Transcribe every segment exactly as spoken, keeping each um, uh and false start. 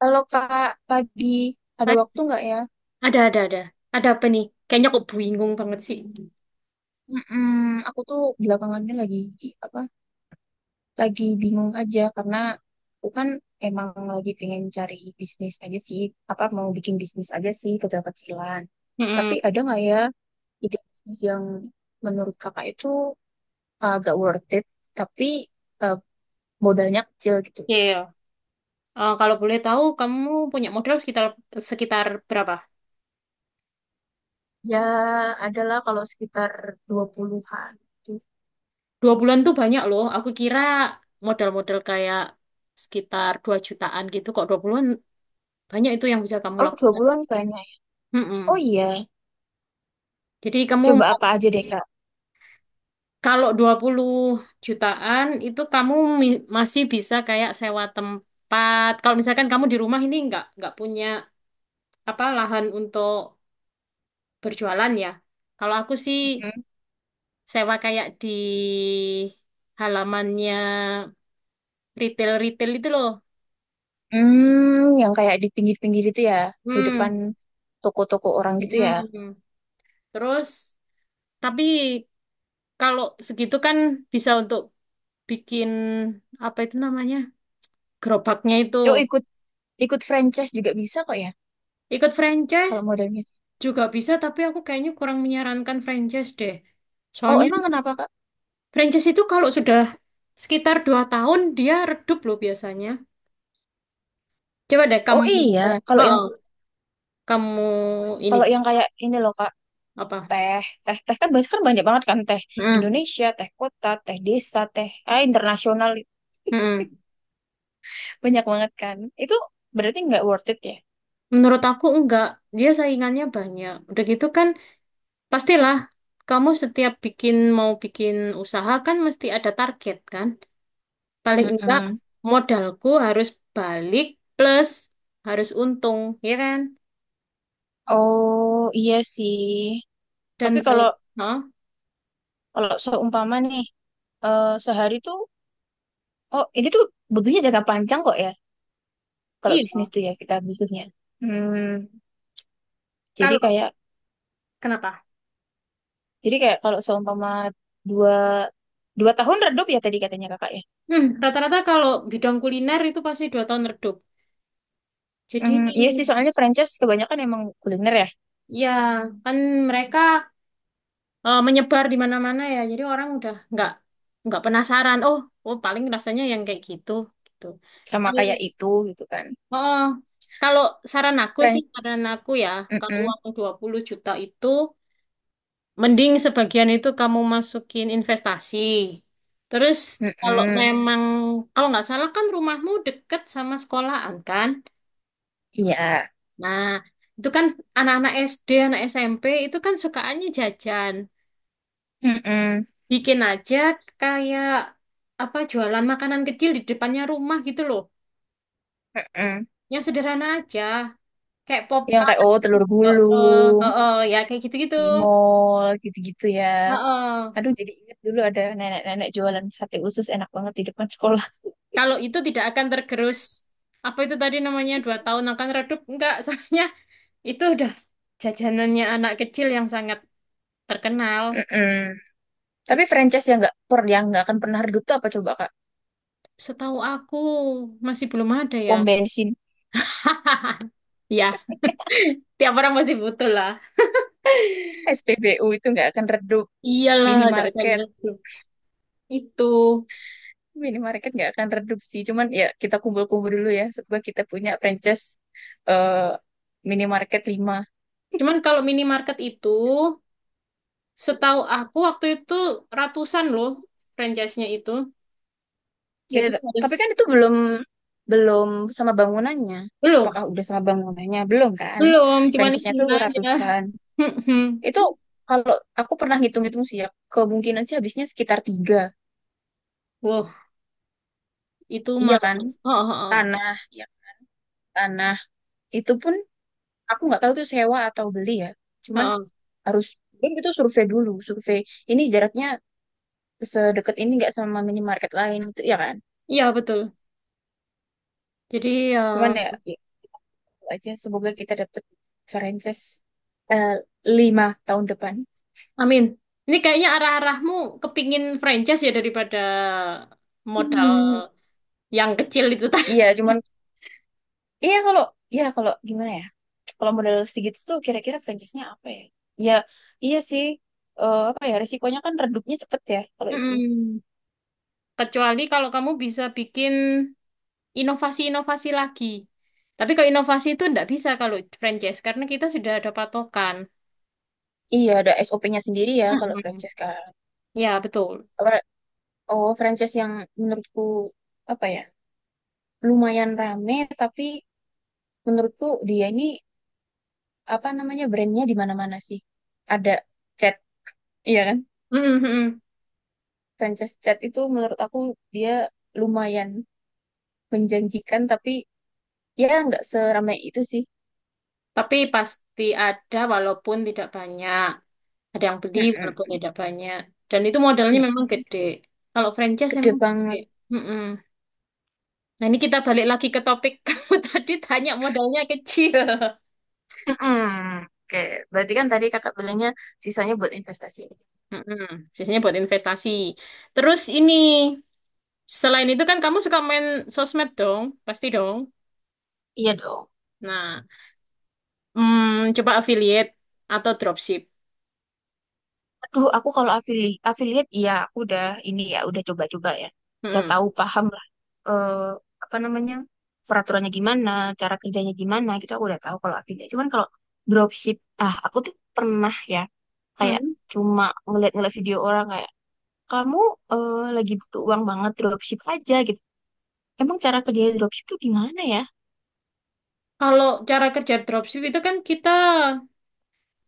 Kalau Kak, lagi ada Ad- waktu nggak ya? Ada, ada, ada. Ada apa nih? Kayaknya kok bingung banget sih. Mm-mm, aku tuh belakangannya lagi apa? Lagi bingung aja karena aku kan emang lagi pengen cari bisnis aja sih, apa mau bikin bisnis aja sih kecil-kecilan. Tapi Mm-mm. ada nggak ya ide bisnis yang menurut Kakak itu agak worth it, tapi eh, modalnya kecil gitu? Iya, iya. Eh, kalau boleh tahu, kamu punya modal sekitar sekitar berapa? Ya, adalah kalau sekitar dua puluhan-an. Gitu. Dua bulan tuh banyak loh. Aku kira modal-modal kayak sekitar dua jutaan gitu. Kok dua puluh bulan banyak itu yang bisa kamu Oh, dua lakukan. bulan banyak. Oh Mm-mm. iya, Jadi kamu coba apa mau- aja deh Kalau dua puluh jutaan itu kamu mi- masih bisa kayak sewa tempat. Kalau misalkan kamu di rumah ini nggak nggak punya apa lahan untuk berjualan ya. Kalau aku sih Kak? sewa kayak di halamannya retail-retail itu loh. Hmm, yang kayak di pinggir-pinggir itu ya, di depan Hmm. toko-toko orang gitu ya. Mm-mm. Terus, tapi kalau segitu kan bisa untuk bikin apa itu namanya? Gerobaknya itu. Oh, ikut ikut franchise juga bisa kok ya, Ikut franchise kalau modalnya. juga bisa, tapi aku kayaknya kurang menyarankan franchise deh. Oh, Soalnya emang kenapa, Kak? franchise itu kalau sudah sekitar dua tahun dia redup loh biasanya. Coba deh Oh kamu. iya, kalau yang Heeh. Kamu ini kalau yang kayak ini loh, Kak, apa? teh, teh, teh kan biasanya kan banyak banget kan teh Mm, Indonesia, teh kota, teh desa, teh ah, internasional mm-mm. banyak banget kan. Itu berarti nggak worth it ya? Menurut aku enggak, dia saingannya banyak. Udah gitu kan, pastilah kamu setiap bikin mau bikin usaha kan mesti ada target kan. Paling enggak Mm-mm. modalku harus balik plus harus untung, ya kan? Oh iya sih. Dan Tapi kalau Hah? kalau seumpama nih eh, sehari tuh Oh, ini tuh butuhnya jangka panjang kok ya. Kalau bisnis Iya. tuh ya kita butuhnya. Hmm, jadi Kalau kayak, kenapa? jadi kayak kalau seumpama dua dua tahun redup ya tadi katanya kakak ya. Hmm, rata-rata kalau bidang kuliner itu pasti dua tahun redup. Jadi Hmm, iya sih soalnya franchise kebanyakan emang kuliner ya, ya kan mereka eh, menyebar di mana-mana ya. Jadi orang udah nggak nggak penasaran. Oh, oh paling rasanya yang kayak gitu gitu. sama kayak Kalau- itu gitu kan. Oh, kalau saran aku sih, Fran, saran aku ya, kalau mm-mm, uang dua puluh juta itu mending sebagian itu kamu masukin investasi. Terus kalau mm-mm, memang kalau nggak salah kan rumahmu deket sama sekolahan kan? iya, Nah, itu kan anak-anak S D, anak S M P itu kan sukaannya jajan. mm-mm, Bikin aja kayak apa jualan makanan kecil di depannya rumah gitu loh. mm-mm. Yang sederhana aja, kayak pop Yang up. kayak oh telur Heeh, gulung, heeh, ya kayak gitu-gitu. di mall gitu-gitu ya. Heeh. Aduh jadi ingat dulu ada nenek-nenek jualan sate usus enak banget di depan sekolah. Kalau itu tidak akan tergerus. Apa itu tadi namanya dua tahun akan redup? Enggak, soalnya itu udah jajanannya anak kecil yang sangat terkenal. Mm-mm. Tapi Gitu. franchise yang nggak per yang nggak akan pernah redup tuh apa coba Kak? Setahu aku masih belum ada ya. Pom bensin, Hah, ya, tiap orang pasti butuh lah. S P B U itu nggak akan redup, Iyalah, gak akan minimarket, redup. Itu. minimarket nggak akan redup sih. Cuman ya kita kumpul-kumpul dulu ya. Semoga kita punya franchise eh, minimarket lima. Cuman kalau minimarket itu, setahu aku waktu itu ratusan loh franchise-nya itu. Ya, Jadi t- harus tapi kan itu belum belum sama bangunannya. belum, Apakah udah sama bangunannya? Belum kan? belum, cuman Franchise-nya tuh isinya aja. ratusan. Itu kalau aku pernah ngitung-ngitung sih ya, kemungkinan sih habisnya sekitar tiga. Wow, itu Iya malah. kan? Oh, oh, oh. Tanah, ya tanah itu pun aku nggak tahu itu sewa atau beli ya Oh, cuman oh. harus belum itu survei dulu survei ini jaraknya sedekat ini nggak sama minimarket lain itu ya kan Iya betul. Jadi ya, cuman ya, ya itu aja semoga kita dapet franchise eh, lima tahun depan. amin. Ini kayaknya arah-arahmu kepingin franchise ya daripada modal Hmm, yang kecil itu tadi. iya cuman iya kalau iya kalau gimana ya kalau modal sedikit tuh kira-kira franchise-nya apa ya ya iya sih eh, apa ya resikonya kan redupnya cepet ya kalau itu. Mm-mm. Kecuali kalau kamu bisa bikin inovasi-inovasi lagi. Tapi kalau inovasi itu nggak bisa kalau franchise karena kita sudah ada patokan. Iya, ada S O P-nya sendiri ya kalau Mm-mm. franchise kan. Ya, betul. Oh, franchise yang menurutku apa ya? Lumayan rame tapi menurutku dia ini apa namanya brandnya di mana-mana sih. Ada Chat, iya kan? Mm, mm, mm. Franchise Chat itu menurut aku dia lumayan menjanjikan tapi ya nggak seramai itu sih. Tapi pasti ada walaupun tidak banyak. Ada yang beli Mm-mm. walaupun tidak banyak. Dan itu modalnya memang Mm-mm. gede. Kalau franchise Gede emang gede. banget. Mm, mm. Nah, ini kita balik lagi ke topik kamu tadi tanya modalnya kecil. Mm-mm. Oke, berarti kan tadi kakak bilangnya sisanya buat investasi. Mm-mm. Biasanya buat investasi. Terus ini, selain itu kan kamu suka main sosmed dong? Pasti dong. Iya dong. Nah, mm, coba affiliate atau dropship. Aduh, aku kalau afili affiliate ya aku udah ini ya udah coba-coba ya. Udah Mm. tahu paham lah eh, apa namanya peraturannya gimana, cara kerjanya gimana gitu aku udah tahu kalau affiliate. Cuman kalau dropship, ah aku tuh pernah ya kayak Hmm. cuma ngeliat-ngeliat video orang kayak kamu eh, lagi butuh uang banget dropship aja gitu. Emang cara kerjanya dropship tuh gimana ya? Kalau cara kerja dropship itu kan kita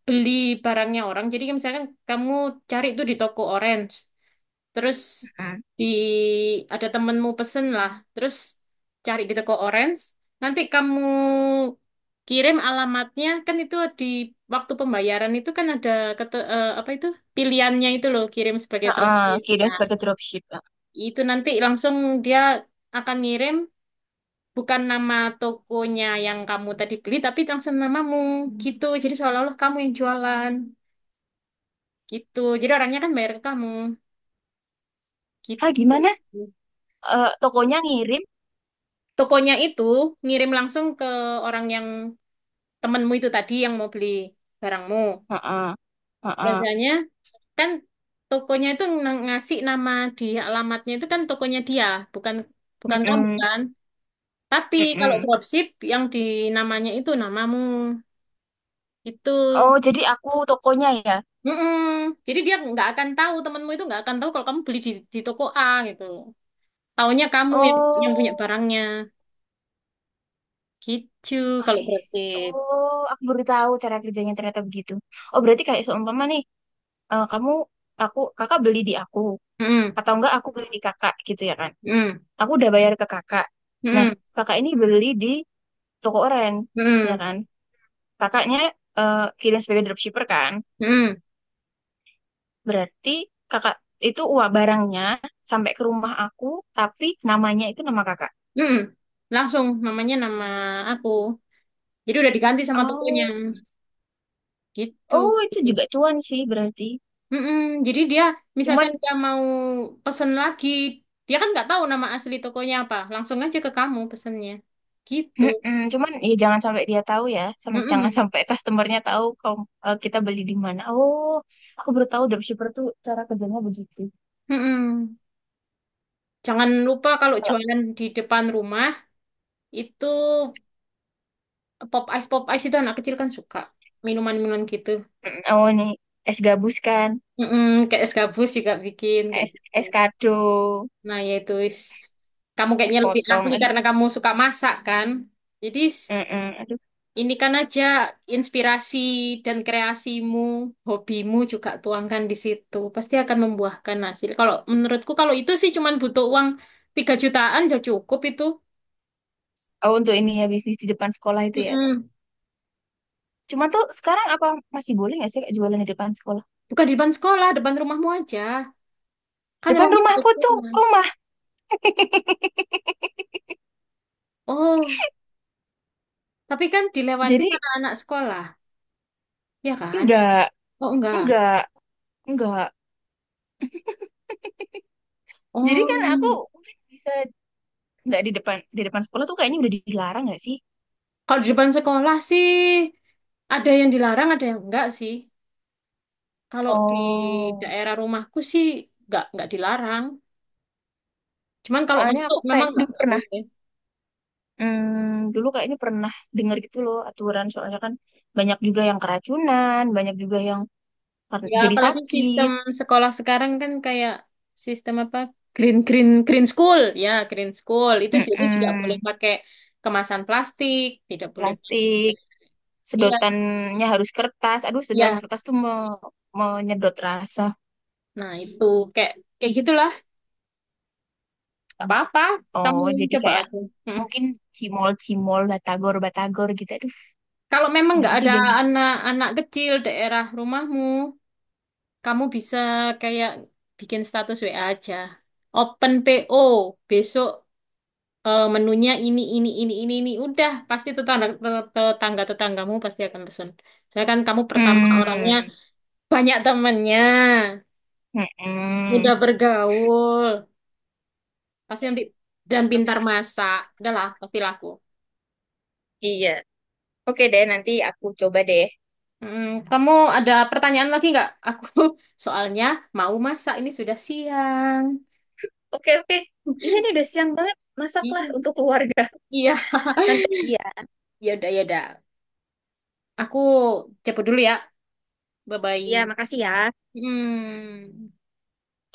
beli barangnya orang. Jadi kayak misalkan kamu cari itu di toko orange, terus Heeh. di ada temenmu pesen lah, terus cari di toko orange. Nanti kamu kirim alamatnya kan itu di waktu pembayaran itu kan ada kete- eh, apa itu pilihannya itu loh kirim sebagai Heeh, dropship. kirain Nah, sebagai dropship. itu nanti langsung dia akan ngirim bukan nama tokonya yang kamu tadi beli, tapi langsung namamu gitu. Jadi seolah-olah kamu yang jualan gitu. Jadi orangnya kan bayar ke kamu Hah, gitu. gimana? Eh, tokonya ngirim? Tokonya itu ngirim langsung ke orang yang temenmu itu tadi yang mau beli barangmu. Heeh. Heeh. Biasanya kan tokonya itu ng- ngasih nama di alamatnya itu kan tokonya dia, bukan bukan kamu Heeh. kan. Tapi kalau Heeh. dropship yang di namanya itu namamu. Itu. Oh, jadi aku tokonya ya. Mm-mm. Jadi dia nggak akan tahu temenmu itu nggak akan tahu kalau kamu beli di, di toko A gitu. Taunya kamu yang, yang punya Oh, barangnya gitu kalau I s- berarti. Oh, aku baru tahu cara kerjanya ternyata begitu. Oh, berarti kayak seumpama nih, eh, kamu, aku, kakak beli di aku, Mm-mm. atau enggak aku beli di kakak gitu ya kan? Mm-mm. Aku udah bayar ke kakak. Nah, Mm-mm. kakak ini beli di toko oren, ya Mm-mm. kan? Kakaknya eh, kirim sebagai dropshipper kan? Mm-mm. Berarti kakak itu uang barangnya sampai ke rumah aku, tapi namanya itu nama kakak. Mm-mm. Langsung namanya nama aku. Jadi udah diganti sama tokonya Oh, gitu. oh itu Gitu. juga cuan sih berarti. Mm-mm. Jadi dia Cuman Misalkan dia mau pesen lagi, dia kan nggak tahu nama asli tokonya apa. Langsung aja ke kamu pesennya. Gitu. mm-mm, cuman ya jangan sampai dia tahu ya, sam- jangan Mm-mm. sampai customernya tahu kalau eh, kita beli di mana. Oh, aku baru tahu dropshipper tuh cara kerjanya begitu. Mm-mm. Jangan lupa kalau Kalau jualan di depan rumah itu pop ice pop ice itu anak kecil kan suka minuman-minuman gitu. mm, oh ini es gabus kan, Mm-mm, kayak es gabus juga bikin kayak es gitu. es kado, Nah yaitu. Kamu es kayaknya lebih potong. ahli Aduh, karena kamu suka masak kan. Jadi s- mm-mm, aduh. ini kan aja inspirasi dan kreasimu, hobimu juga tuangkan di situ. Pasti akan membuahkan hasil. Kalau menurutku kalau itu sih cuman butuh uang tiga jutaan ya cukup itu. Oh untuk ini ya bisnis di depan sekolah itu ya. Mm-mm. Cuma tuh sekarang apa masih boleh nggak sih kayak jualan di depan sekolah? Bukan di depan sekolah, depan rumahmu aja. Kan Depan ruangnya rumahku gede. tuh rumah. Oh, tapi kan dilewati Jadi anak-anak sekolah, ya kan? enggak, Oh, enggak. enggak, enggak. Jadi kan aku Oh, mungkin bisa nggak di depan di depan sekolah tuh kayaknya udah dilarang nggak sih? kalau di depan sekolah sih ada yang dilarang, ada yang enggak sih. Kalau di Oh, daerah rumahku sih enggak, enggak dilarang. Cuman kalau soalnya masuk aku memang kayaknya enggak, dulu enggak pernah, boleh. hmm, dulu kayaknya pernah dengar gitu loh aturan soalnya kan banyak juga yang keracunan, banyak juga yang kar- Ya, jadi apalagi sistem sakit. sekolah sekarang kan kayak sistem apa? Green green green school, ya green school. Itu jadi tidak boleh Mm-mm, pakai kemasan plastik, tidak boleh pakai. plastik, Iya, sedotannya harus kertas. Aduh, sedotan iya. kertas tuh me- menyedot rasa. Nah, itu kayak kayak gitulah. Gak apa-apa, kamu Oh, jadi coba kayak aja. Mm. mungkin cimol-cimol, batagor-batagor gitu. Aduh, Kalau memang enak nggak ada juga nih. anak-anak kecil daerah rumahmu, kamu bisa kayak bikin status W A aja. Open P O, besok eh, menunya ini, ini, ini, ini, ini. Udah, pasti tetangga, tetangga-tetanggamu pasti akan pesen. Soalnya kan kamu pertama orangnya Hmm, banyak temennya, mm-mm. mudah bergaul, pasti nanti dan pintar Rasanya- masak. Udah lah, pasti laku. Iya. Oke deh, nanti aku coba deh. Mm, Kamu ada pertanyaan lagi nggak? Aku soalnya mau masak ini sudah siang. Oke, oke. Iya nih udah siang banget. Masaklah Iya. untuk keluarga. Iya, Nanti. Iya. ya udah ya udah. Aku cepet dulu ya. Bye bye. Iya, makasih ya. Hmm.